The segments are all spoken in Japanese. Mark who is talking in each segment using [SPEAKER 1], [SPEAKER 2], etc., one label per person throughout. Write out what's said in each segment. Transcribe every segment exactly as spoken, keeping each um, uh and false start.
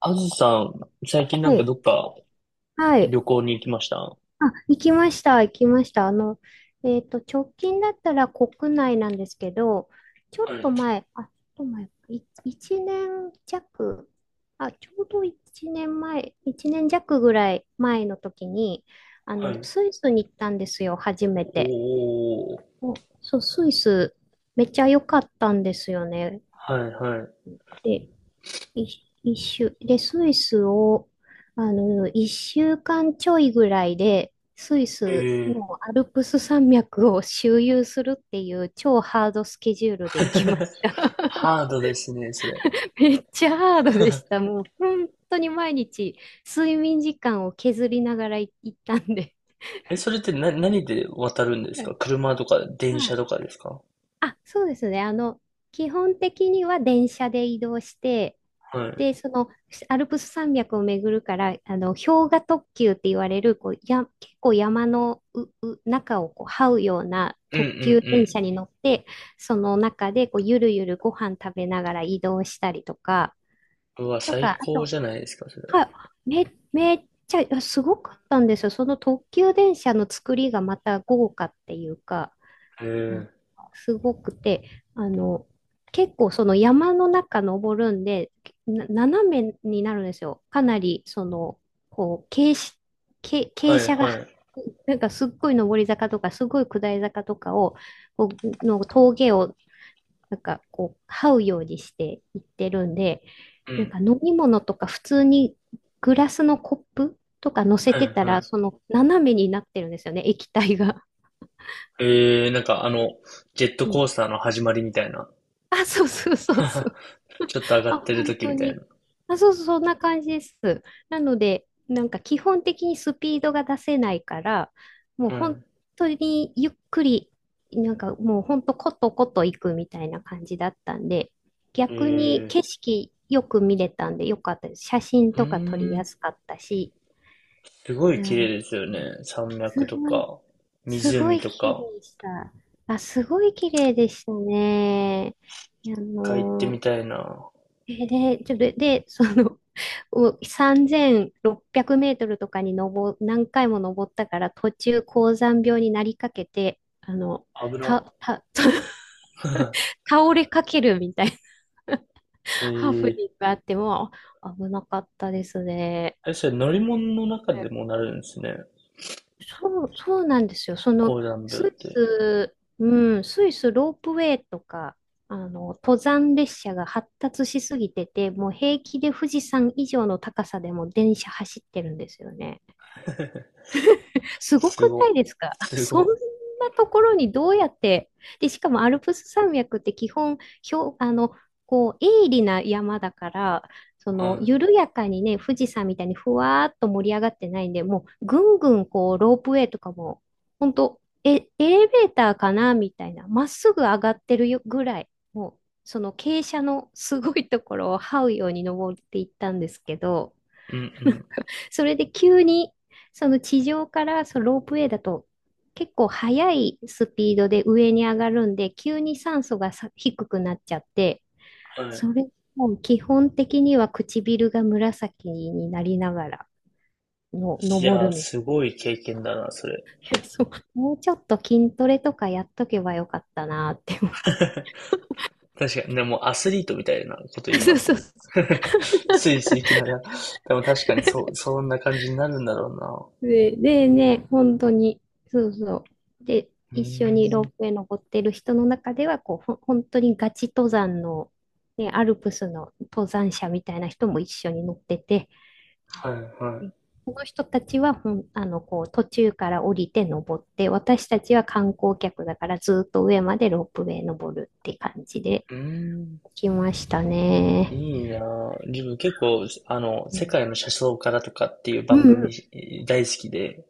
[SPEAKER 1] あずさん、最近な
[SPEAKER 2] は
[SPEAKER 1] んかど
[SPEAKER 2] い。
[SPEAKER 1] っか
[SPEAKER 2] はい。
[SPEAKER 1] 旅行に行きましたは
[SPEAKER 2] あ、行きました。行きました。あの、えっと、直近だったら国内なんですけど、ちょっと
[SPEAKER 1] い、
[SPEAKER 2] 前、あ、ちょっと前、い、いちねん弱、あ、ちょうどいちねんまえ、いちねん弱ぐらい前の時に、あ
[SPEAKER 1] は
[SPEAKER 2] の、
[SPEAKER 1] い。
[SPEAKER 2] スイスに行ったんですよ、初めて。
[SPEAKER 1] おー、
[SPEAKER 2] お、そう、スイス、めっちゃ良かったんですよね。
[SPEAKER 1] はい、は
[SPEAKER 2] で、一一周。で、スイスを、あの、一週間ちょいぐらいで、スイ
[SPEAKER 1] い。
[SPEAKER 2] ス
[SPEAKER 1] え
[SPEAKER 2] の
[SPEAKER 1] え
[SPEAKER 2] アルプス山脈を周遊するっていう超ハードスケジュールで行きま した。
[SPEAKER 1] ハードですね、それ。
[SPEAKER 2] めっちゃハードでした。もう本当に毎日睡眠時間を削りながら行ったんで。
[SPEAKER 1] え、それってな、何で渡るんです
[SPEAKER 2] は
[SPEAKER 1] か
[SPEAKER 2] い。
[SPEAKER 1] 車とか電車とかですか
[SPEAKER 2] あ、そうですね。あの、基本的には電車で移動して、
[SPEAKER 1] はい。うん
[SPEAKER 2] で、その、アルプス山脈を巡るから、あの、氷河特急って言われる、こう、や、結構山のう、う、中をこう、這うような
[SPEAKER 1] うん
[SPEAKER 2] 特急電
[SPEAKER 1] う
[SPEAKER 2] 車に乗って、その中で、こう、ゆるゆるご飯食べながら移動したりとか、
[SPEAKER 1] ん。うわ、
[SPEAKER 2] と
[SPEAKER 1] 最
[SPEAKER 2] か、あ
[SPEAKER 1] 高
[SPEAKER 2] と、
[SPEAKER 1] じゃないですか、それ。
[SPEAKER 2] はい、め、めっちゃ、いやすごかったんですよ。その特急電車の作りがまた豪華っていうか、なん
[SPEAKER 1] ええ
[SPEAKER 2] かすごくて、あの、結構その山の中登るんで、な斜めになるんですよ。かなり、その、こう、傾斜、傾
[SPEAKER 1] は
[SPEAKER 2] 傾
[SPEAKER 1] い、
[SPEAKER 2] 斜が、
[SPEAKER 1] はい。
[SPEAKER 2] なんかすっごい上り坂とか、すごい下り坂とかを、こうの峠を、なんかこう、這うようにしていってるんで、
[SPEAKER 1] う
[SPEAKER 2] なん
[SPEAKER 1] ん。
[SPEAKER 2] か飲み物とか普通にグラスのコップとか乗せ
[SPEAKER 1] はい、
[SPEAKER 2] てたら、
[SPEAKER 1] は
[SPEAKER 2] その斜めになってるんですよね、液体が。
[SPEAKER 1] い。ええなんかあの、ジェット
[SPEAKER 2] うん。
[SPEAKER 1] コースターの始まりみたいな。
[SPEAKER 2] あ、そうそうそう そう。
[SPEAKER 1] ちょっと上が
[SPEAKER 2] あ、
[SPEAKER 1] ってる
[SPEAKER 2] 本
[SPEAKER 1] 時
[SPEAKER 2] 当
[SPEAKER 1] みたいな。
[SPEAKER 2] に。あ、そうそう、そんな感じです。なので、なんか基本的にスピードが出せないから、もう
[SPEAKER 1] は
[SPEAKER 2] 本当にゆっくり、なんかもう本当コトコト行くみたいな感じだったんで、逆に
[SPEAKER 1] い。
[SPEAKER 2] 景
[SPEAKER 1] ええ
[SPEAKER 2] 色よく見れたんでよかったです。写真
[SPEAKER 1] うー
[SPEAKER 2] とか撮りや
[SPEAKER 1] ん。
[SPEAKER 2] すかったし、
[SPEAKER 1] すご
[SPEAKER 2] い
[SPEAKER 1] い
[SPEAKER 2] や
[SPEAKER 1] 綺麗
[SPEAKER 2] ー、
[SPEAKER 1] ですよね。山脈
[SPEAKER 2] す
[SPEAKER 1] と
[SPEAKER 2] ごい、
[SPEAKER 1] か、
[SPEAKER 2] すご
[SPEAKER 1] 湖
[SPEAKER 2] い
[SPEAKER 1] と
[SPEAKER 2] 綺麗
[SPEAKER 1] か。
[SPEAKER 2] でした。あ、すごい綺麗でしたね。いやあ
[SPEAKER 1] 一ってみ
[SPEAKER 2] のー
[SPEAKER 1] たいな。
[SPEAKER 2] えで、ちょっと、で、その、おさんぜんろっぴゃくメートルとかに登、何回も登ったから、途中、高山病になりかけて、あの、
[SPEAKER 1] 危な。
[SPEAKER 2] た、た、倒れかけるみたいな
[SPEAKER 1] え
[SPEAKER 2] ハプ
[SPEAKER 1] ー、
[SPEAKER 2] ニングがあっても、危なかったですね。
[SPEAKER 1] あれ、それ乗り物の中でもなるんですね。
[SPEAKER 2] そう、そうなんですよ。その、
[SPEAKER 1] 高山病っ
[SPEAKER 2] スイ
[SPEAKER 1] て。
[SPEAKER 2] ス、うん、スイスロープウェイとか、あの、登山列車が発達しすぎてて、もう平気で富士山以上の高さでも電車走ってるんですよね。すご
[SPEAKER 1] す
[SPEAKER 2] くな
[SPEAKER 1] ご。
[SPEAKER 2] いですか？
[SPEAKER 1] す
[SPEAKER 2] そん
[SPEAKER 1] ご。
[SPEAKER 2] なところにどうやって、で、しかもアルプス山脈って基本、ひょ、あの、こう、鋭利な山だから、そ
[SPEAKER 1] はい。う
[SPEAKER 2] の、
[SPEAKER 1] ん
[SPEAKER 2] 緩やかにね、富士山みたいにふわーっと盛り上がってないんで、もう、ぐんぐん、こう、ロープウェイとかも、ほんと、え、エレベーターかなみたいな、まっすぐ上がってるよぐらい、もう、その傾斜のすごいところを這うように登っていったんですけど、
[SPEAKER 1] うん。
[SPEAKER 2] それで急に、その地上からそのロープウェイだと結構速いスピードで上に上がるんで、急に酸素がさ低くなっちゃって、
[SPEAKER 1] は
[SPEAKER 2] そ
[SPEAKER 1] い。
[SPEAKER 2] れも基本的には唇が紫になりながらの
[SPEAKER 1] いや
[SPEAKER 2] 登
[SPEAKER 1] ー、
[SPEAKER 2] るみたいな。
[SPEAKER 1] すごい経験だな、それ。
[SPEAKER 2] そうもうちょっと筋トレとかやっとけばよかったなって思う。
[SPEAKER 1] 確かに、でもアスリートみたいなこと言 い
[SPEAKER 2] そ
[SPEAKER 1] ま
[SPEAKER 2] うそ
[SPEAKER 1] す
[SPEAKER 2] うそ
[SPEAKER 1] ね。
[SPEAKER 2] う。
[SPEAKER 1] スイスイ行きながら。でも確かにそう、そんな感じになるんだろうな。
[SPEAKER 2] で、でね、本当に、そうそう。で、
[SPEAKER 1] う
[SPEAKER 2] 一緒にロー
[SPEAKER 1] ーん。
[SPEAKER 2] プウェイ登ってる人の中では、こう、ほん本当にガチ登山の、ね、アルプスの登山者みたいな人も一緒に乗ってて、
[SPEAKER 1] はいはい。
[SPEAKER 2] でこの人たちはほん、あの、こう、途中から降りて登って、私たちは観光客だからずっと上までロープウェイ登るって感じで
[SPEAKER 1] うーん。
[SPEAKER 2] 来ましたね。
[SPEAKER 1] いいなぁ。自分結構、あの、
[SPEAKER 2] う
[SPEAKER 1] 世
[SPEAKER 2] ん、
[SPEAKER 1] 界の車窓からとかっていう
[SPEAKER 2] う
[SPEAKER 1] 番組
[SPEAKER 2] ん。
[SPEAKER 1] 大好きで、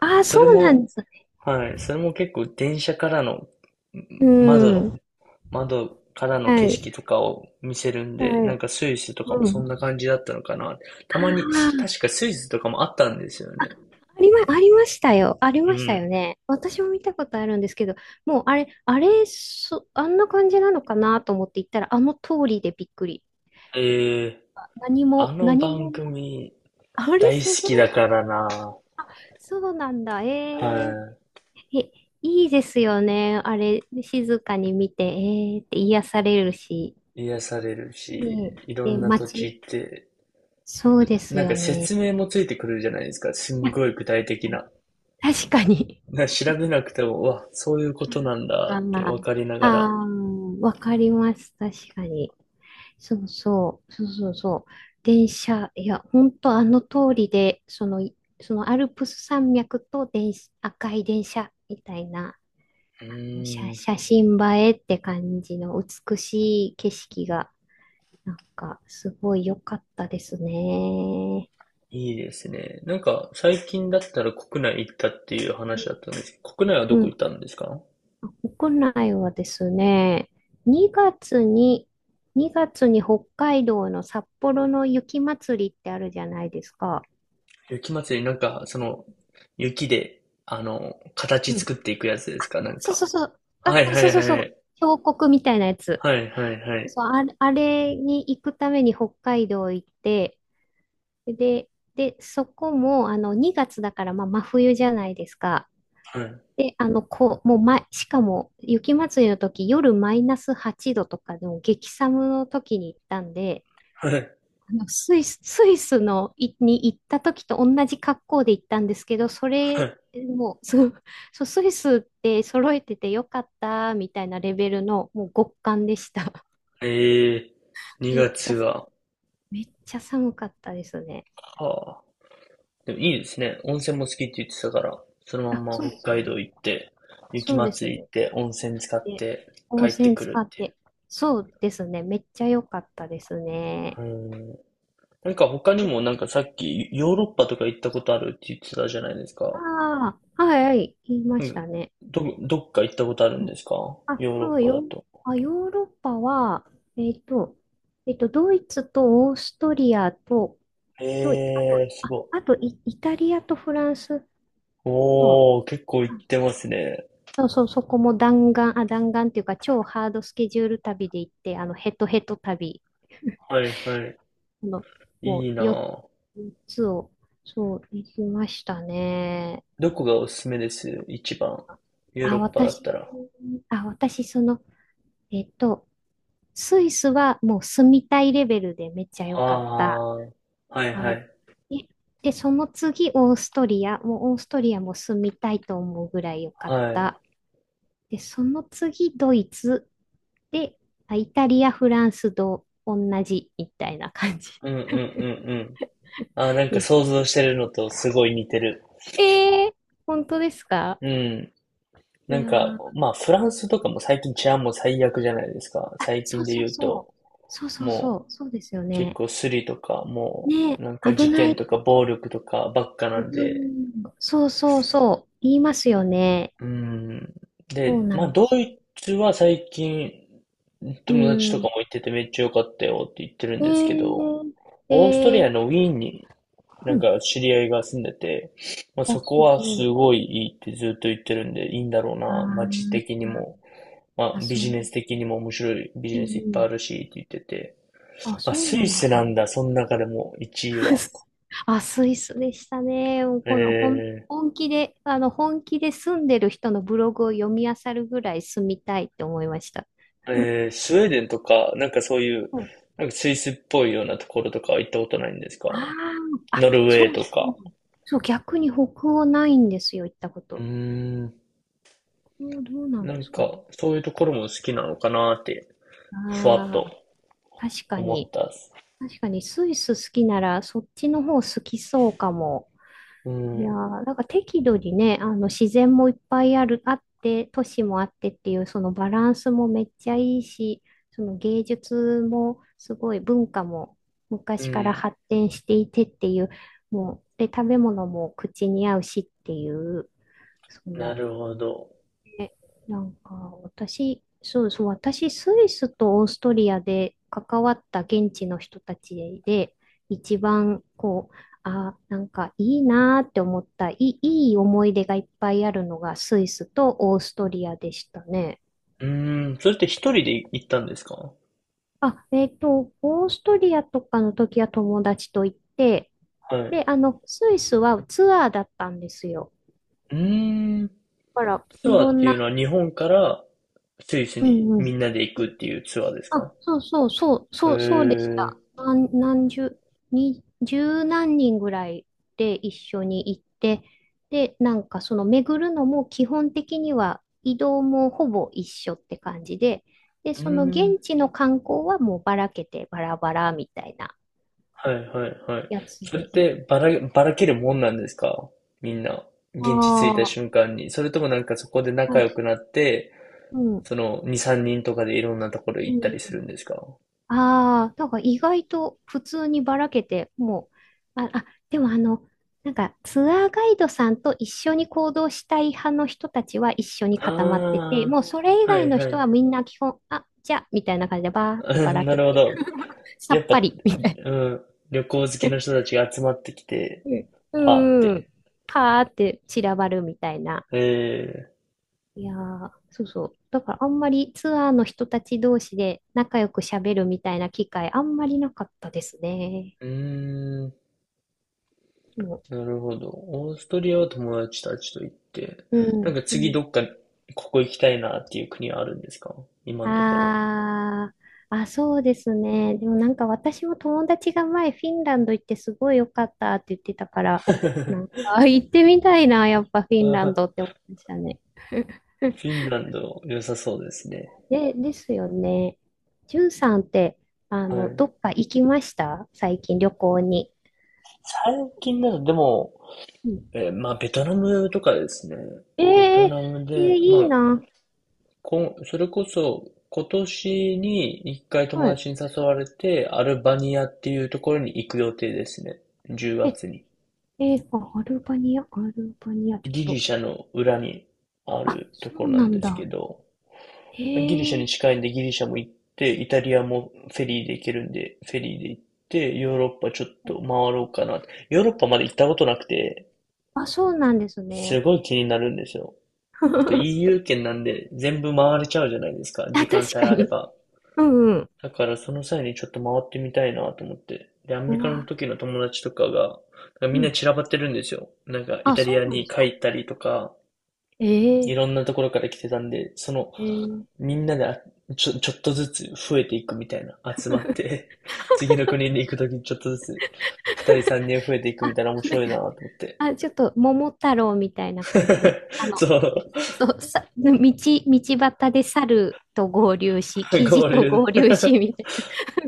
[SPEAKER 2] ああ、
[SPEAKER 1] そ
[SPEAKER 2] そ
[SPEAKER 1] れ
[SPEAKER 2] うなんで
[SPEAKER 1] も、
[SPEAKER 2] す。
[SPEAKER 1] はい、それも結構電車からの、う
[SPEAKER 2] う
[SPEAKER 1] ん窓の、
[SPEAKER 2] ん。
[SPEAKER 1] 窓からの
[SPEAKER 2] は
[SPEAKER 1] 景
[SPEAKER 2] い。
[SPEAKER 1] 色とかを見せるん
[SPEAKER 2] は
[SPEAKER 1] で、なん
[SPEAKER 2] い。
[SPEAKER 1] かスイスとかも
[SPEAKER 2] う
[SPEAKER 1] そんな
[SPEAKER 2] ん。
[SPEAKER 1] 感じだったのかな。たまに、
[SPEAKER 2] ああ。
[SPEAKER 1] 確かスイスとかもあったんですよね。
[SPEAKER 2] ありま、ありましたよ。あり
[SPEAKER 1] う
[SPEAKER 2] ました
[SPEAKER 1] ん。
[SPEAKER 2] よね。私も見たことあるんですけど、もうあれ、あれ、そ、あんな感じなのかなと思って行ったら、あの通りでびっくり。
[SPEAKER 1] ええ
[SPEAKER 2] 何
[SPEAKER 1] あ
[SPEAKER 2] も、
[SPEAKER 1] の
[SPEAKER 2] 何
[SPEAKER 1] 番
[SPEAKER 2] も、
[SPEAKER 1] 組
[SPEAKER 2] あれ
[SPEAKER 1] 大
[SPEAKER 2] す
[SPEAKER 1] 好
[SPEAKER 2] ご
[SPEAKER 1] きだ
[SPEAKER 2] い。
[SPEAKER 1] からな
[SPEAKER 2] そうなんだ。えー、
[SPEAKER 1] は
[SPEAKER 2] え、いいですよね。あれ、静かに見て、えーって癒されるし。
[SPEAKER 1] い。癒される
[SPEAKER 2] ね
[SPEAKER 1] し、い
[SPEAKER 2] え、
[SPEAKER 1] ろ
[SPEAKER 2] で、
[SPEAKER 1] んな土地行
[SPEAKER 2] 街、
[SPEAKER 1] って
[SPEAKER 2] そうです
[SPEAKER 1] なんか
[SPEAKER 2] よ
[SPEAKER 1] 説
[SPEAKER 2] ね。
[SPEAKER 1] 明もついてくるじゃないですか。す
[SPEAKER 2] い
[SPEAKER 1] ん
[SPEAKER 2] や
[SPEAKER 1] ごい具体的な。
[SPEAKER 2] 確かに。
[SPEAKER 1] な調べなくても、うわ、そういうことなんだ
[SPEAKER 2] あ
[SPEAKER 1] ってわかりな
[SPEAKER 2] あ、
[SPEAKER 1] がら。
[SPEAKER 2] ああ、わかります。確かに。そうそう、そうそうそう。電車、いや、本当あの通りで、その、いそのアルプス山脈と電車、赤い電車みたいな、
[SPEAKER 1] う
[SPEAKER 2] 写、
[SPEAKER 1] ーん、
[SPEAKER 2] 写真映えって感じの美しい景色が、なんか、すごい良かったですね。
[SPEAKER 1] いいですね。なんか最近だったら国内行ったっていう話だったんですけど、国内はど
[SPEAKER 2] う
[SPEAKER 1] こ行っ
[SPEAKER 2] ん、
[SPEAKER 1] たんですか
[SPEAKER 2] 国内はですね、2月に、2月に北海道の札幌の雪まつりってあるじゃないですか？
[SPEAKER 1] 雪祭り、なんかその雪で、あの、形作っていくやつですかなん
[SPEAKER 2] そう
[SPEAKER 1] か。
[SPEAKER 2] そうそう。
[SPEAKER 1] はい
[SPEAKER 2] あ、
[SPEAKER 1] はい
[SPEAKER 2] そうそうそ
[SPEAKER 1] は
[SPEAKER 2] う。
[SPEAKER 1] い。
[SPEAKER 2] 峡谷みたいなやつ。
[SPEAKER 1] はいはいはい。
[SPEAKER 2] そう、あれ、あれに行くために北海道行って、で、で、そこも、あの、にがつだから、まあ、真冬じゃないですか？
[SPEAKER 1] はい
[SPEAKER 2] で、あの、こう、もう、ま、しかも、雪まつりの時、夜マイナスはちどとかでも激寒の時に行ったんで、
[SPEAKER 1] はい
[SPEAKER 2] あのスイス、スイスのいに行った時と同じ格好で行ったんですけど、そ
[SPEAKER 1] は
[SPEAKER 2] れ
[SPEAKER 1] い。
[SPEAKER 2] もう、そうそうスイスって揃えててよかったみたいなレベルのもう極寒でした。
[SPEAKER 1] ええ ー、
[SPEAKER 2] めっ
[SPEAKER 1] 2
[SPEAKER 2] ち
[SPEAKER 1] 月
[SPEAKER 2] ゃさ、
[SPEAKER 1] は、
[SPEAKER 2] めっちゃ寒かったですね。
[SPEAKER 1] はあ。でもいいですね。温泉も好きって言ってたから、そのまん
[SPEAKER 2] あ、
[SPEAKER 1] ま
[SPEAKER 2] そうです
[SPEAKER 1] 北海
[SPEAKER 2] ね。
[SPEAKER 1] 道行って、雪
[SPEAKER 2] そう
[SPEAKER 1] ま
[SPEAKER 2] で
[SPEAKER 1] つ
[SPEAKER 2] す
[SPEAKER 1] り行っ
[SPEAKER 2] ね。
[SPEAKER 1] て、温泉使っ
[SPEAKER 2] で、
[SPEAKER 1] て帰
[SPEAKER 2] 温
[SPEAKER 1] って
[SPEAKER 2] 泉
[SPEAKER 1] く
[SPEAKER 2] 使
[SPEAKER 1] るっ
[SPEAKER 2] っ
[SPEAKER 1] ていう。
[SPEAKER 2] て。そうですね。めっちゃ良かったですね。
[SPEAKER 1] うん。なんか他にもなんかさっきヨーロッパとか行ったことあるって言ってたじゃないです
[SPEAKER 2] あ
[SPEAKER 1] か。
[SPEAKER 2] あ、はいはい、言いま
[SPEAKER 1] う
[SPEAKER 2] し
[SPEAKER 1] ん。
[SPEAKER 2] たね。
[SPEAKER 1] ど、どっか行ったことあるんですか
[SPEAKER 2] あ、
[SPEAKER 1] ヨーロッ
[SPEAKER 2] そう
[SPEAKER 1] パだ
[SPEAKER 2] よ。
[SPEAKER 1] と。
[SPEAKER 2] あ、ヨーロッパは、えっと、えっと、ドイツとオーストリアと、と、あと、
[SPEAKER 1] えー、す
[SPEAKER 2] あ、
[SPEAKER 1] ごい。
[SPEAKER 2] あとイ、イタリアとフランスと、
[SPEAKER 1] おー、結構行っ
[SPEAKER 2] あ
[SPEAKER 1] てますね。
[SPEAKER 2] そうそう、そこも弾丸、あ、弾丸っていうか、超ハードスケジュール旅で行って、あの、ヘトヘト旅
[SPEAKER 1] はいはい。
[SPEAKER 2] の、
[SPEAKER 1] い
[SPEAKER 2] も
[SPEAKER 1] いな
[SPEAKER 2] う、4
[SPEAKER 1] ぁ。
[SPEAKER 2] つを、そう、行きましたね。
[SPEAKER 1] どこがおすすめです一番。ヨーロ
[SPEAKER 2] あ、
[SPEAKER 1] ッパだっ
[SPEAKER 2] 私、
[SPEAKER 1] たら。
[SPEAKER 2] あ、私、その、えっと、スイスはもう住みたいレベルでめっちゃ良かった。
[SPEAKER 1] あー、はいは
[SPEAKER 2] あ、
[SPEAKER 1] い。
[SPEAKER 2] で、で、その次、オーストリア。もうオーストリアも住みたいと思うぐらい良かっ
[SPEAKER 1] はい。
[SPEAKER 2] た。で、その次、ドイツ。で、あイタリア、フランスと同じみたいな感じ
[SPEAKER 1] うんうんうんうん。あー、なんか
[SPEAKER 2] です。
[SPEAKER 1] 想像してるのとすごい似てる。
[SPEAKER 2] えー、本当ですか？
[SPEAKER 1] うん。
[SPEAKER 2] い
[SPEAKER 1] なん
[SPEAKER 2] や
[SPEAKER 1] か、
[SPEAKER 2] ー、
[SPEAKER 1] まあフランスとかも最近治安も最悪じゃないですか。
[SPEAKER 2] あ、
[SPEAKER 1] 最
[SPEAKER 2] そ
[SPEAKER 1] 近
[SPEAKER 2] う
[SPEAKER 1] で
[SPEAKER 2] そ
[SPEAKER 1] 言
[SPEAKER 2] う
[SPEAKER 1] う
[SPEAKER 2] そ
[SPEAKER 1] と、
[SPEAKER 2] う。そうそう
[SPEAKER 1] も
[SPEAKER 2] そ
[SPEAKER 1] う
[SPEAKER 2] う。そうですよ
[SPEAKER 1] 結
[SPEAKER 2] ね。
[SPEAKER 1] 構スリとか、も
[SPEAKER 2] ねえ、
[SPEAKER 1] うなんか
[SPEAKER 2] 危
[SPEAKER 1] 事
[SPEAKER 2] な
[SPEAKER 1] 件
[SPEAKER 2] い。
[SPEAKER 1] とか暴力とかばっか
[SPEAKER 2] う
[SPEAKER 1] なんで。
[SPEAKER 2] ん、そうそうそう。言いますよね。
[SPEAKER 1] うん。
[SPEAKER 2] そう
[SPEAKER 1] で、
[SPEAKER 2] な
[SPEAKER 1] まあ
[SPEAKER 2] んで
[SPEAKER 1] ド
[SPEAKER 2] す。
[SPEAKER 1] イツは最近
[SPEAKER 2] う
[SPEAKER 1] 友達とか
[SPEAKER 2] ん。
[SPEAKER 1] も行っててめっちゃ良かったよって言ってるん
[SPEAKER 2] え
[SPEAKER 1] ですけど、
[SPEAKER 2] ー、
[SPEAKER 1] オースト
[SPEAKER 2] え
[SPEAKER 1] リア
[SPEAKER 2] ー、
[SPEAKER 1] のウィーンにな
[SPEAKER 2] う
[SPEAKER 1] ん
[SPEAKER 2] ん。
[SPEAKER 1] か知り合いが住んでて、まあ、
[SPEAKER 2] あ、
[SPEAKER 1] そこ
[SPEAKER 2] す
[SPEAKER 1] は
[SPEAKER 2] ご
[SPEAKER 1] す
[SPEAKER 2] い。
[SPEAKER 1] ごいいいってずっと言ってるんで、いいんだろう
[SPEAKER 2] あ
[SPEAKER 1] な、
[SPEAKER 2] ー
[SPEAKER 1] 街的にも、ま
[SPEAKER 2] あ、
[SPEAKER 1] あ、ビ
[SPEAKER 2] そう。
[SPEAKER 1] ジネス的にも面白いビ
[SPEAKER 2] う
[SPEAKER 1] ジネスいっぱいあ
[SPEAKER 2] ん。
[SPEAKER 1] るしって言ってて、
[SPEAKER 2] あ、
[SPEAKER 1] まあ、
[SPEAKER 2] そ
[SPEAKER 1] ス
[SPEAKER 2] うな
[SPEAKER 1] イ
[SPEAKER 2] んで
[SPEAKER 1] ス
[SPEAKER 2] す
[SPEAKER 1] な
[SPEAKER 2] ね。
[SPEAKER 1] んだ、その中でもいちいは。
[SPEAKER 2] あ、スイスでしたね。もうこの本、
[SPEAKER 1] え
[SPEAKER 2] 本気で、あの、本気で住んでる人のブログを読み漁るぐらい住みたいって思いました。
[SPEAKER 1] ー、えー、スウェーデンとか、なんかそういう、
[SPEAKER 2] うん。
[SPEAKER 1] なんかスイスっぽいようなところとかは行ったことないんですか
[SPEAKER 2] ああ、あ、
[SPEAKER 1] ノルウ
[SPEAKER 2] そ
[SPEAKER 1] ェー
[SPEAKER 2] う
[SPEAKER 1] と
[SPEAKER 2] そ
[SPEAKER 1] か。
[SPEAKER 2] う。そう、逆に北欧ないんですよ、行ったこ
[SPEAKER 1] うー
[SPEAKER 2] と。
[SPEAKER 1] ん、
[SPEAKER 2] 北欧どうなん
[SPEAKER 1] な
[SPEAKER 2] で
[SPEAKER 1] ん
[SPEAKER 2] すか
[SPEAKER 1] か
[SPEAKER 2] ね？
[SPEAKER 1] そういうところも好きなのかなって、ふわっ
[SPEAKER 2] あ
[SPEAKER 1] と
[SPEAKER 2] あ、確か
[SPEAKER 1] 思っ
[SPEAKER 2] に。
[SPEAKER 1] たっす。
[SPEAKER 2] 確かに、スイス好きなら、そっちの方好きそうかも。
[SPEAKER 1] う
[SPEAKER 2] いやー、
[SPEAKER 1] ん、
[SPEAKER 2] なんか適度にね、あの自然もいっぱいある、あって、都市もあってっていう、そのバランスもめっちゃいいし、その芸術もすごい文化も
[SPEAKER 1] う
[SPEAKER 2] 昔から
[SPEAKER 1] ん。
[SPEAKER 2] 発展していてっていう。もう、で、食べ物も口に合うしっていう、そ
[SPEAKER 1] な
[SPEAKER 2] の
[SPEAKER 1] るほど。
[SPEAKER 2] えなんか、私、そうそう、私、スイスとオーストリアで関わった現地の人たちで、一番、こう、あ、なんかいいなーって思った、いい、いい思い出がいっぱいあるのがスイスとオーストリアでしたね。
[SPEAKER 1] うーん、それって一人で行ったんですかは
[SPEAKER 2] あ、えっと、オーストリアとかの時は友達と行って、
[SPEAKER 1] い。
[SPEAKER 2] で、あの、スイスはツアーだったんですよ。
[SPEAKER 1] うーん、
[SPEAKER 2] だから、
[SPEAKER 1] ツ
[SPEAKER 2] い
[SPEAKER 1] アー
[SPEAKER 2] ろ
[SPEAKER 1] っ
[SPEAKER 2] ん
[SPEAKER 1] ていう
[SPEAKER 2] な、
[SPEAKER 1] のは日本からスイス
[SPEAKER 2] う
[SPEAKER 1] に
[SPEAKER 2] んう
[SPEAKER 1] み
[SPEAKER 2] ん。
[SPEAKER 1] んなで行くっていうツアーです
[SPEAKER 2] あ、
[SPEAKER 1] か
[SPEAKER 2] そうそうそう、
[SPEAKER 1] へ
[SPEAKER 2] そう、そうでし
[SPEAKER 1] え、う
[SPEAKER 2] た。何、何十、に、十何人ぐらいで一緒に行って、で、なんかその巡るのも基本的には移動もほぼ一緒って感じで、で、
[SPEAKER 1] ー
[SPEAKER 2] その
[SPEAKER 1] ん、
[SPEAKER 2] 現地の観光はもうばらけてバラバラみたいな
[SPEAKER 1] はいはいはい。
[SPEAKER 2] やつ
[SPEAKER 1] それっ
[SPEAKER 2] で行っ
[SPEAKER 1] てばら、ばらけるもんなんですかみんな、現地着いた
[SPEAKER 2] あ
[SPEAKER 1] 瞬間に。それともなんかそこで
[SPEAKER 2] あー、
[SPEAKER 1] 仲
[SPEAKER 2] はい
[SPEAKER 1] 良くなって、
[SPEAKER 2] うん、
[SPEAKER 1] そのに、さんにんとかでいろんなところ
[SPEAKER 2] う
[SPEAKER 1] 行った
[SPEAKER 2] ん。
[SPEAKER 1] りするんですか
[SPEAKER 2] ああ、なんか意外と普通にばらけて、もう、あ、あ、でもあの、なんかツアーガイドさんと一緒に行動したい派の人たちは一緒に固まって
[SPEAKER 1] あ
[SPEAKER 2] て、もうそれ以
[SPEAKER 1] あー、は
[SPEAKER 2] 外の
[SPEAKER 1] い
[SPEAKER 2] 人
[SPEAKER 1] は
[SPEAKER 2] はみんな基本、あ、じゃあ、みたいな感じでばーってば
[SPEAKER 1] い。
[SPEAKER 2] ら
[SPEAKER 1] な
[SPEAKER 2] け
[SPEAKER 1] るほ
[SPEAKER 2] て、
[SPEAKER 1] ど。
[SPEAKER 2] さ
[SPEAKER 1] やっ
[SPEAKER 2] っ
[SPEAKER 1] ぱ、
[SPEAKER 2] ぱり、みたい
[SPEAKER 1] うん、旅行好
[SPEAKER 2] な。
[SPEAKER 1] きの 人たちが集まってきて、
[SPEAKER 2] う
[SPEAKER 1] パーっ
[SPEAKER 2] んうん。
[SPEAKER 1] て。
[SPEAKER 2] パーって散らばるみたいな。
[SPEAKER 1] ええ
[SPEAKER 2] いやー、そうそう。だからあんまりツアーの人たち同士で仲良く喋るみたいな機会あんまりなかったですね。
[SPEAKER 1] うーん、
[SPEAKER 2] もう、
[SPEAKER 1] なるほど。オーストリアは友達たちと行って、
[SPEAKER 2] う
[SPEAKER 1] なん
[SPEAKER 2] ん。
[SPEAKER 1] か
[SPEAKER 2] う
[SPEAKER 1] 次
[SPEAKER 2] ん。
[SPEAKER 1] どっか、ここ行きたいなっていう国はあるんですか今のところ。
[SPEAKER 2] あー、あ、そうですね。でもなんか私も友達が前フィンランド行ってすごい良かったって言ってたから、
[SPEAKER 1] あ
[SPEAKER 2] なんかあ行ってみたいな、やっぱフィンランドっ
[SPEAKER 1] ー
[SPEAKER 2] て思いましたね。
[SPEAKER 1] フィンランド良さそうですね。
[SPEAKER 2] で、ですよね。ジュンさんって、あ
[SPEAKER 1] は
[SPEAKER 2] の、
[SPEAKER 1] い。
[SPEAKER 2] どっか行きました最近旅行に。
[SPEAKER 1] 最近だとでも、
[SPEAKER 2] うん。
[SPEAKER 1] えーまあベトナムとかですね。
[SPEAKER 2] えー、
[SPEAKER 1] ベト
[SPEAKER 2] え
[SPEAKER 1] ナム
[SPEAKER 2] ー
[SPEAKER 1] で、ま
[SPEAKER 2] いい
[SPEAKER 1] あ
[SPEAKER 2] な。
[SPEAKER 1] こん、それこそ、今年に一回友
[SPEAKER 2] はい。
[SPEAKER 1] 達に誘われて、アルバニアっていうところに行く予定ですね。10
[SPEAKER 2] え、
[SPEAKER 1] 月に。
[SPEAKER 2] えーあアルバニア、アルバニア、ちょっ
[SPEAKER 1] ギリ
[SPEAKER 2] と。
[SPEAKER 1] シャの裏にあ
[SPEAKER 2] あ、
[SPEAKER 1] ると
[SPEAKER 2] そ
[SPEAKER 1] こ
[SPEAKER 2] う
[SPEAKER 1] ろな
[SPEAKER 2] な
[SPEAKER 1] ん
[SPEAKER 2] ん
[SPEAKER 1] ですけ
[SPEAKER 2] だ。
[SPEAKER 1] ど、
[SPEAKER 2] え
[SPEAKER 1] ギリシャに
[SPEAKER 2] ー
[SPEAKER 1] 近いんでギリシャも行って、イタリアもフェリーで行けるんで、フェリーで行って、ヨーロッパちょっと回ろうかな。ヨーロッパまで行ったことなくて、
[SPEAKER 2] あ、そうなんです
[SPEAKER 1] す
[SPEAKER 2] ね。
[SPEAKER 1] ごい気になるんですよ。あと イーユー 圏なんで全部回れちゃうじゃないですか、
[SPEAKER 2] あ、
[SPEAKER 1] 時間
[SPEAKER 2] 確
[SPEAKER 1] さえ
[SPEAKER 2] か
[SPEAKER 1] あれ
[SPEAKER 2] に。
[SPEAKER 1] ば。
[SPEAKER 2] うんうん。
[SPEAKER 1] だからその際にちょっと回ってみたいなと思って。で、アメリ
[SPEAKER 2] う
[SPEAKER 1] カの
[SPEAKER 2] わ、
[SPEAKER 1] 時の友達とかが、なんかみ
[SPEAKER 2] う
[SPEAKER 1] んな
[SPEAKER 2] ん。
[SPEAKER 1] 散らばってるんですよ。なんかイ
[SPEAKER 2] あ、
[SPEAKER 1] タ
[SPEAKER 2] そ
[SPEAKER 1] リア
[SPEAKER 2] うなんで
[SPEAKER 1] に
[SPEAKER 2] す
[SPEAKER 1] 帰
[SPEAKER 2] か。
[SPEAKER 1] ったりとか、い
[SPEAKER 2] え
[SPEAKER 1] ろん
[SPEAKER 2] え
[SPEAKER 1] なところから来てたんで、その、
[SPEAKER 2] ええ
[SPEAKER 1] みんなであちょ、ちょっとずつ増えていくみたいな、集まっ て 次の国に行くときにちょっとずつ、ふたりさんにん増えていく
[SPEAKER 2] あ、
[SPEAKER 1] みたいな面
[SPEAKER 2] なん
[SPEAKER 1] 白い
[SPEAKER 2] か、
[SPEAKER 1] なと思って。
[SPEAKER 2] あ、ちょっと、桃太郎みたいな感じで。あ の、
[SPEAKER 1] そう、
[SPEAKER 2] そう、さ、道、道端で猿と合流し、キジ
[SPEAKER 1] 合
[SPEAKER 2] と
[SPEAKER 1] 流
[SPEAKER 2] 合
[SPEAKER 1] で
[SPEAKER 2] 流し、みたい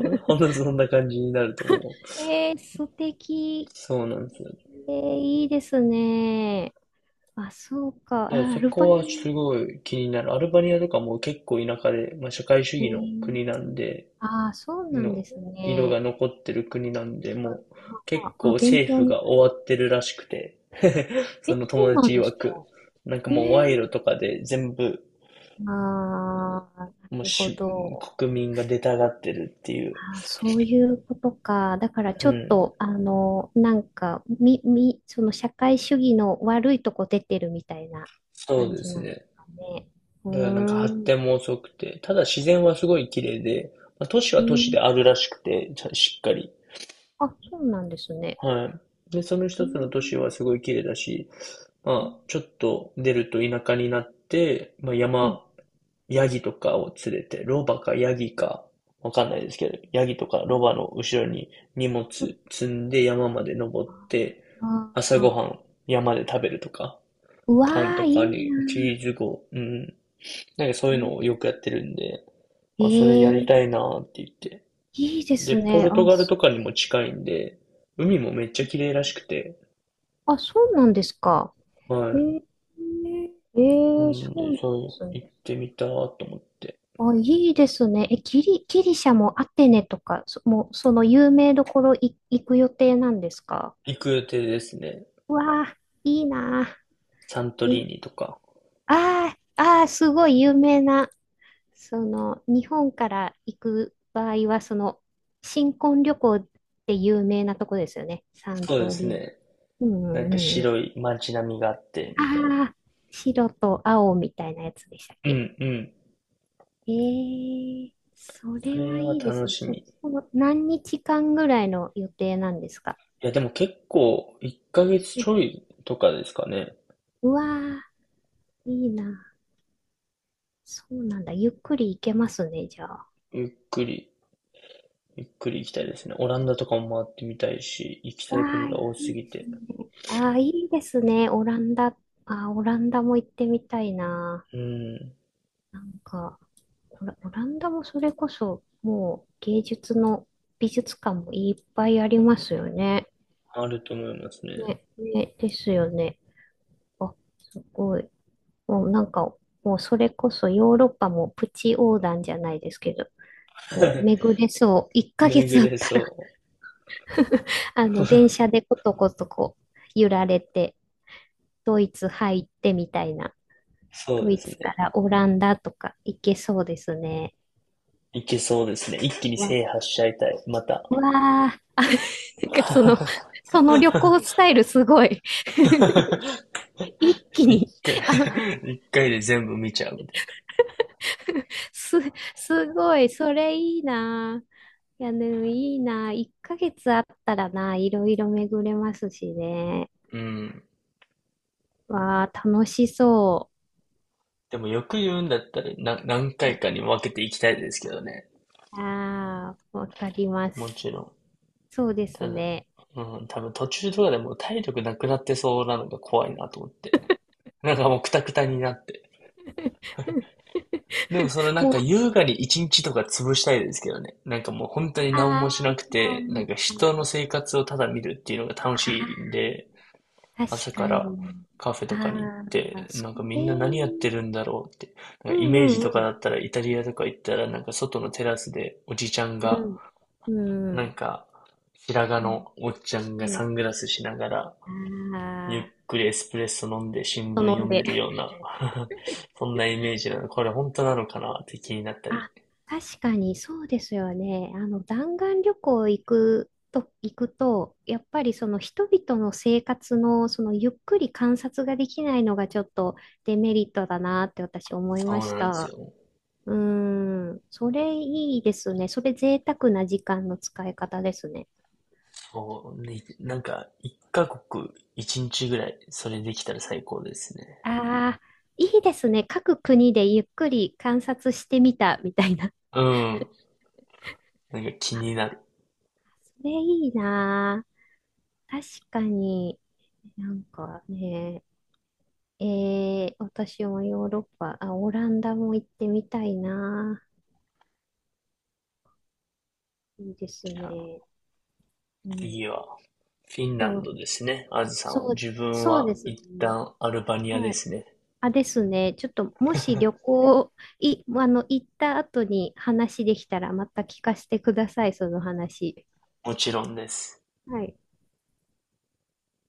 [SPEAKER 2] な。
[SPEAKER 1] ほん とそんな感じになると思う。
[SPEAKER 2] ええ、素敵。
[SPEAKER 1] そうなんですよ。
[SPEAKER 2] ええ、いいですね。あ、そうか。
[SPEAKER 1] だから
[SPEAKER 2] あ、ア
[SPEAKER 1] そ
[SPEAKER 2] ルバ
[SPEAKER 1] こ
[SPEAKER 2] ニ
[SPEAKER 1] はす
[SPEAKER 2] ア。
[SPEAKER 1] ごい気になる。アルバニアとかも結構田舎で、まあ、社会主
[SPEAKER 2] え
[SPEAKER 1] 義の国なん
[SPEAKER 2] え、
[SPEAKER 1] で、
[SPEAKER 2] あ、そうなんで
[SPEAKER 1] の
[SPEAKER 2] す
[SPEAKER 1] 色が
[SPEAKER 2] ね。
[SPEAKER 1] 残ってる国なんで、もう結
[SPEAKER 2] あ、あ
[SPEAKER 1] 構
[SPEAKER 2] 勉
[SPEAKER 1] 政
[SPEAKER 2] 強
[SPEAKER 1] 府
[SPEAKER 2] に
[SPEAKER 1] が終わってるらしくて、そ
[SPEAKER 2] え、
[SPEAKER 1] の
[SPEAKER 2] そ
[SPEAKER 1] 友
[SPEAKER 2] うなん
[SPEAKER 1] 達
[SPEAKER 2] で
[SPEAKER 1] 曰
[SPEAKER 2] すか。
[SPEAKER 1] く、なんかもう
[SPEAKER 2] え
[SPEAKER 1] 賄賂
[SPEAKER 2] え、
[SPEAKER 1] とかで全部、
[SPEAKER 2] ああ、な
[SPEAKER 1] もう
[SPEAKER 2] るほ
[SPEAKER 1] し、
[SPEAKER 2] ど。
[SPEAKER 1] 国民が出たがってるってい
[SPEAKER 2] あ
[SPEAKER 1] う。
[SPEAKER 2] ー、そういうことか。だから
[SPEAKER 1] う
[SPEAKER 2] ちょっ
[SPEAKER 1] ん。
[SPEAKER 2] と、あの、なんか、み、み、その社会主義の悪いとこ出てるみたいな
[SPEAKER 1] そう
[SPEAKER 2] 感
[SPEAKER 1] で
[SPEAKER 2] じ
[SPEAKER 1] す
[SPEAKER 2] なんです
[SPEAKER 1] ね。
[SPEAKER 2] かね。う
[SPEAKER 1] だからなんか
[SPEAKER 2] ー
[SPEAKER 1] 発
[SPEAKER 2] ん。
[SPEAKER 1] 展も遅くて、ただ自然はすごい綺麗で、まあ、都市
[SPEAKER 2] う
[SPEAKER 1] は都市で
[SPEAKER 2] ん。
[SPEAKER 1] あるらしくて、ちゃしっかり。
[SPEAKER 2] あ、そうなんですね。
[SPEAKER 1] はい。で、その
[SPEAKER 2] うー
[SPEAKER 1] 一つの都市
[SPEAKER 2] ん。
[SPEAKER 1] はすごい綺麗だし、まあ、ちょっと出ると田舎になって、まあ、
[SPEAKER 2] うん。
[SPEAKER 1] 山、ヤギとかを連れて、ロバかヤギか、わかんないですけど、ヤギとか
[SPEAKER 2] う
[SPEAKER 1] ロ
[SPEAKER 2] ん
[SPEAKER 1] バの後ろに荷物積んで山まで登って、
[SPEAKER 2] あ
[SPEAKER 1] 朝ご
[SPEAKER 2] あ
[SPEAKER 1] はん山で食べるとか、
[SPEAKER 2] ー、うわ
[SPEAKER 1] パンと
[SPEAKER 2] ー、いい
[SPEAKER 1] かにチ
[SPEAKER 2] な
[SPEAKER 1] ーズご、うん、なんかそういうのを
[SPEAKER 2] ー。
[SPEAKER 1] よくやってるんで、まあ、それやり
[SPEAKER 2] ええ、
[SPEAKER 1] たいなーって言って。
[SPEAKER 2] いいで
[SPEAKER 1] で、
[SPEAKER 2] す
[SPEAKER 1] ポ
[SPEAKER 2] ね。
[SPEAKER 1] ル
[SPEAKER 2] あ、
[SPEAKER 1] トガル
[SPEAKER 2] そ
[SPEAKER 1] とかにも近いんで、海もめっちゃ綺麗らしくて、
[SPEAKER 2] あ、そうなんですか。
[SPEAKER 1] は
[SPEAKER 2] え
[SPEAKER 1] い。
[SPEAKER 2] ー、え
[SPEAKER 1] う
[SPEAKER 2] ー、そ
[SPEAKER 1] ん
[SPEAKER 2] うな
[SPEAKER 1] で、
[SPEAKER 2] んで
[SPEAKER 1] そう、
[SPEAKER 2] すね。
[SPEAKER 1] 行ってみたと思って。
[SPEAKER 2] あ、いいですね。え、ギリ、ギリシャもアテネとか、そ、もう、その有名どころい行く予定なんですか？
[SPEAKER 1] 行く予定ですね。
[SPEAKER 2] いいなあ。
[SPEAKER 1] サントリ
[SPEAKER 2] え、
[SPEAKER 1] ーニとか。
[SPEAKER 2] ああ、ああ、すごい有名な、その、日本から行く場合は、その、新婚旅行って有名なとこですよね。三
[SPEAKER 1] そうで
[SPEAKER 2] 刀
[SPEAKER 1] す
[SPEAKER 2] 流。
[SPEAKER 1] ね。
[SPEAKER 2] うんう
[SPEAKER 1] なん
[SPEAKER 2] んう
[SPEAKER 1] か
[SPEAKER 2] んうん。
[SPEAKER 1] 白い街並みがあって、
[SPEAKER 2] あ
[SPEAKER 1] みたいな。
[SPEAKER 2] あ、白と青みたいなやつでしたっ
[SPEAKER 1] う
[SPEAKER 2] け？
[SPEAKER 1] んうん。
[SPEAKER 2] ええ、そ
[SPEAKER 1] そ
[SPEAKER 2] れは
[SPEAKER 1] れは
[SPEAKER 2] いいで
[SPEAKER 1] 楽
[SPEAKER 2] すね。
[SPEAKER 1] しみ。
[SPEAKER 2] そ、
[SPEAKER 1] い
[SPEAKER 2] その何日間ぐらいの予定なんですか？
[SPEAKER 1] や、でも結構、いっかげつ
[SPEAKER 2] う
[SPEAKER 1] ち
[SPEAKER 2] ん、
[SPEAKER 1] ょいとかですかね。
[SPEAKER 2] うわー、いいな。そうなんだ。ゆっくり行けますね、じゃあ。
[SPEAKER 1] ゆっくり、ゆっくり行きたい
[SPEAKER 2] う
[SPEAKER 1] ですね。オランダとかも回ってみたいし、行きた
[SPEAKER 2] わ
[SPEAKER 1] い国
[SPEAKER 2] あ、
[SPEAKER 1] が
[SPEAKER 2] い
[SPEAKER 1] 多す
[SPEAKER 2] い
[SPEAKER 1] ぎ
[SPEAKER 2] です
[SPEAKER 1] て。
[SPEAKER 2] ね。ああ、いいですね。オランダ。あー、オランダも行ってみたいな。
[SPEAKER 1] うん。
[SPEAKER 2] なんか、オラ、オランダもそれこそ、もう芸術の美術館もいっぱいありますよね。
[SPEAKER 1] あると思いますね。
[SPEAKER 2] ね、ね、ですよね。あ、すごい。もうなんか、もうそれこそヨーロッパもプチ横断じゃないですけど、もう 巡れそう。1ヶ
[SPEAKER 1] 巡
[SPEAKER 2] 月あっ
[SPEAKER 1] れ
[SPEAKER 2] たら
[SPEAKER 1] そ
[SPEAKER 2] あ
[SPEAKER 1] う。
[SPEAKER 2] の、電 車でコトコトこう、揺られて、ドイツ入ってみたいな。
[SPEAKER 1] そ
[SPEAKER 2] ド
[SPEAKER 1] うで
[SPEAKER 2] イ
[SPEAKER 1] すね。
[SPEAKER 2] ツからオランダとか行けそうですね。
[SPEAKER 1] いけそうですね。一気に
[SPEAKER 2] わ、
[SPEAKER 1] 制覇しちゃいたい。また。
[SPEAKER 2] うわあ、なんかその、その旅行スタイルすごい 一気
[SPEAKER 1] 一
[SPEAKER 2] に
[SPEAKER 1] 回、
[SPEAKER 2] あ、
[SPEAKER 1] 一回で全部見ちゃうみたい
[SPEAKER 2] す、すごい、それいいな。いや、でもいいな。いっかげつあったらな、いろいろ巡れますしね。
[SPEAKER 1] な。うん。
[SPEAKER 2] わあ、楽しそ
[SPEAKER 1] でもよく言うんだったら、な、何
[SPEAKER 2] う。は
[SPEAKER 1] 回
[SPEAKER 2] い、
[SPEAKER 1] かに分けていきたいですけどね。
[SPEAKER 2] ああ、わかりま
[SPEAKER 1] も
[SPEAKER 2] す。
[SPEAKER 1] ちろん。
[SPEAKER 2] そうで
[SPEAKER 1] た
[SPEAKER 2] す
[SPEAKER 1] だ、
[SPEAKER 2] ね。
[SPEAKER 1] うん、多分途中とかでもう体力なくなってそうなのが怖いなと思って。なんかもうクタクタになって。でもそのなん
[SPEAKER 2] も
[SPEAKER 1] か
[SPEAKER 2] う、
[SPEAKER 1] 優雅に一日とか潰したいですけどね。なんかもう本当に何もし
[SPEAKER 2] あー
[SPEAKER 1] なく
[SPEAKER 2] あ
[SPEAKER 1] て、なんか
[SPEAKER 2] ー、
[SPEAKER 1] 人の生活をただ見るっていうのが楽しいんで、
[SPEAKER 2] 確
[SPEAKER 1] 朝
[SPEAKER 2] か
[SPEAKER 1] から
[SPEAKER 2] に。
[SPEAKER 1] カフェとか
[SPEAKER 2] あ
[SPEAKER 1] に行っ
[SPEAKER 2] あ、
[SPEAKER 1] て、
[SPEAKER 2] そ
[SPEAKER 1] なんかみ
[SPEAKER 2] れ、
[SPEAKER 1] んな何やってるんだろうって。なん
[SPEAKER 2] う
[SPEAKER 1] かイメージと
[SPEAKER 2] んう
[SPEAKER 1] か
[SPEAKER 2] ん
[SPEAKER 1] だったらイタリアとか行ったらなんか外のテラスでおじちゃん
[SPEAKER 2] う
[SPEAKER 1] が、
[SPEAKER 2] ん。うん。う
[SPEAKER 1] なん
[SPEAKER 2] ん。
[SPEAKER 1] か白髪
[SPEAKER 2] うん。
[SPEAKER 1] のおっちゃんが
[SPEAKER 2] う
[SPEAKER 1] サ
[SPEAKER 2] ん
[SPEAKER 1] ングラスしながらゆっ
[SPEAKER 2] ああ、
[SPEAKER 1] くりエスプレッソ飲んで新聞
[SPEAKER 2] 飲
[SPEAKER 1] 読
[SPEAKER 2] ん
[SPEAKER 1] んで
[SPEAKER 2] で。
[SPEAKER 1] るような そんなイメージなの。これ本当なのかなって気になったり。
[SPEAKER 2] あ、確かにそうですよね。あの、弾丸旅行行くと、行くと、やっぱりその人々の生活の、そのゆっくり観察ができないのがちょっとデメリットだなって私思い
[SPEAKER 1] そ
[SPEAKER 2] ま
[SPEAKER 1] う
[SPEAKER 2] し
[SPEAKER 1] なんです
[SPEAKER 2] た。
[SPEAKER 1] よ。
[SPEAKER 2] うーん、それいいですね。それ贅沢な時間の使い方ですね。
[SPEAKER 1] そう、ね、なんか一カ国一日ぐらいそれできたら最高ですね。
[SPEAKER 2] ああ、いいですね。各国でゆっくり観察してみたみたいな。
[SPEAKER 1] うん。なんか気
[SPEAKER 2] あ、
[SPEAKER 1] になる。
[SPEAKER 2] それいいなあ。確かに。なんかね、えー、私もヨーロッパ、あ、オランダも行ってみたいな。いいですね。うん。
[SPEAKER 1] 次はフィンラ
[SPEAKER 2] そ
[SPEAKER 1] ン
[SPEAKER 2] う、
[SPEAKER 1] ドですね。あずさんは。
[SPEAKER 2] そう、
[SPEAKER 1] 自分
[SPEAKER 2] そう
[SPEAKER 1] は
[SPEAKER 2] です
[SPEAKER 1] 一
[SPEAKER 2] ね。
[SPEAKER 1] 旦アルバニア
[SPEAKER 2] は
[SPEAKER 1] で
[SPEAKER 2] い。
[SPEAKER 1] すね。
[SPEAKER 2] あ、ですね。ちょっと、もし旅行、い、あの、行った後に話できたら、また聞かせてください、その話。
[SPEAKER 1] もちろんです。
[SPEAKER 2] はい。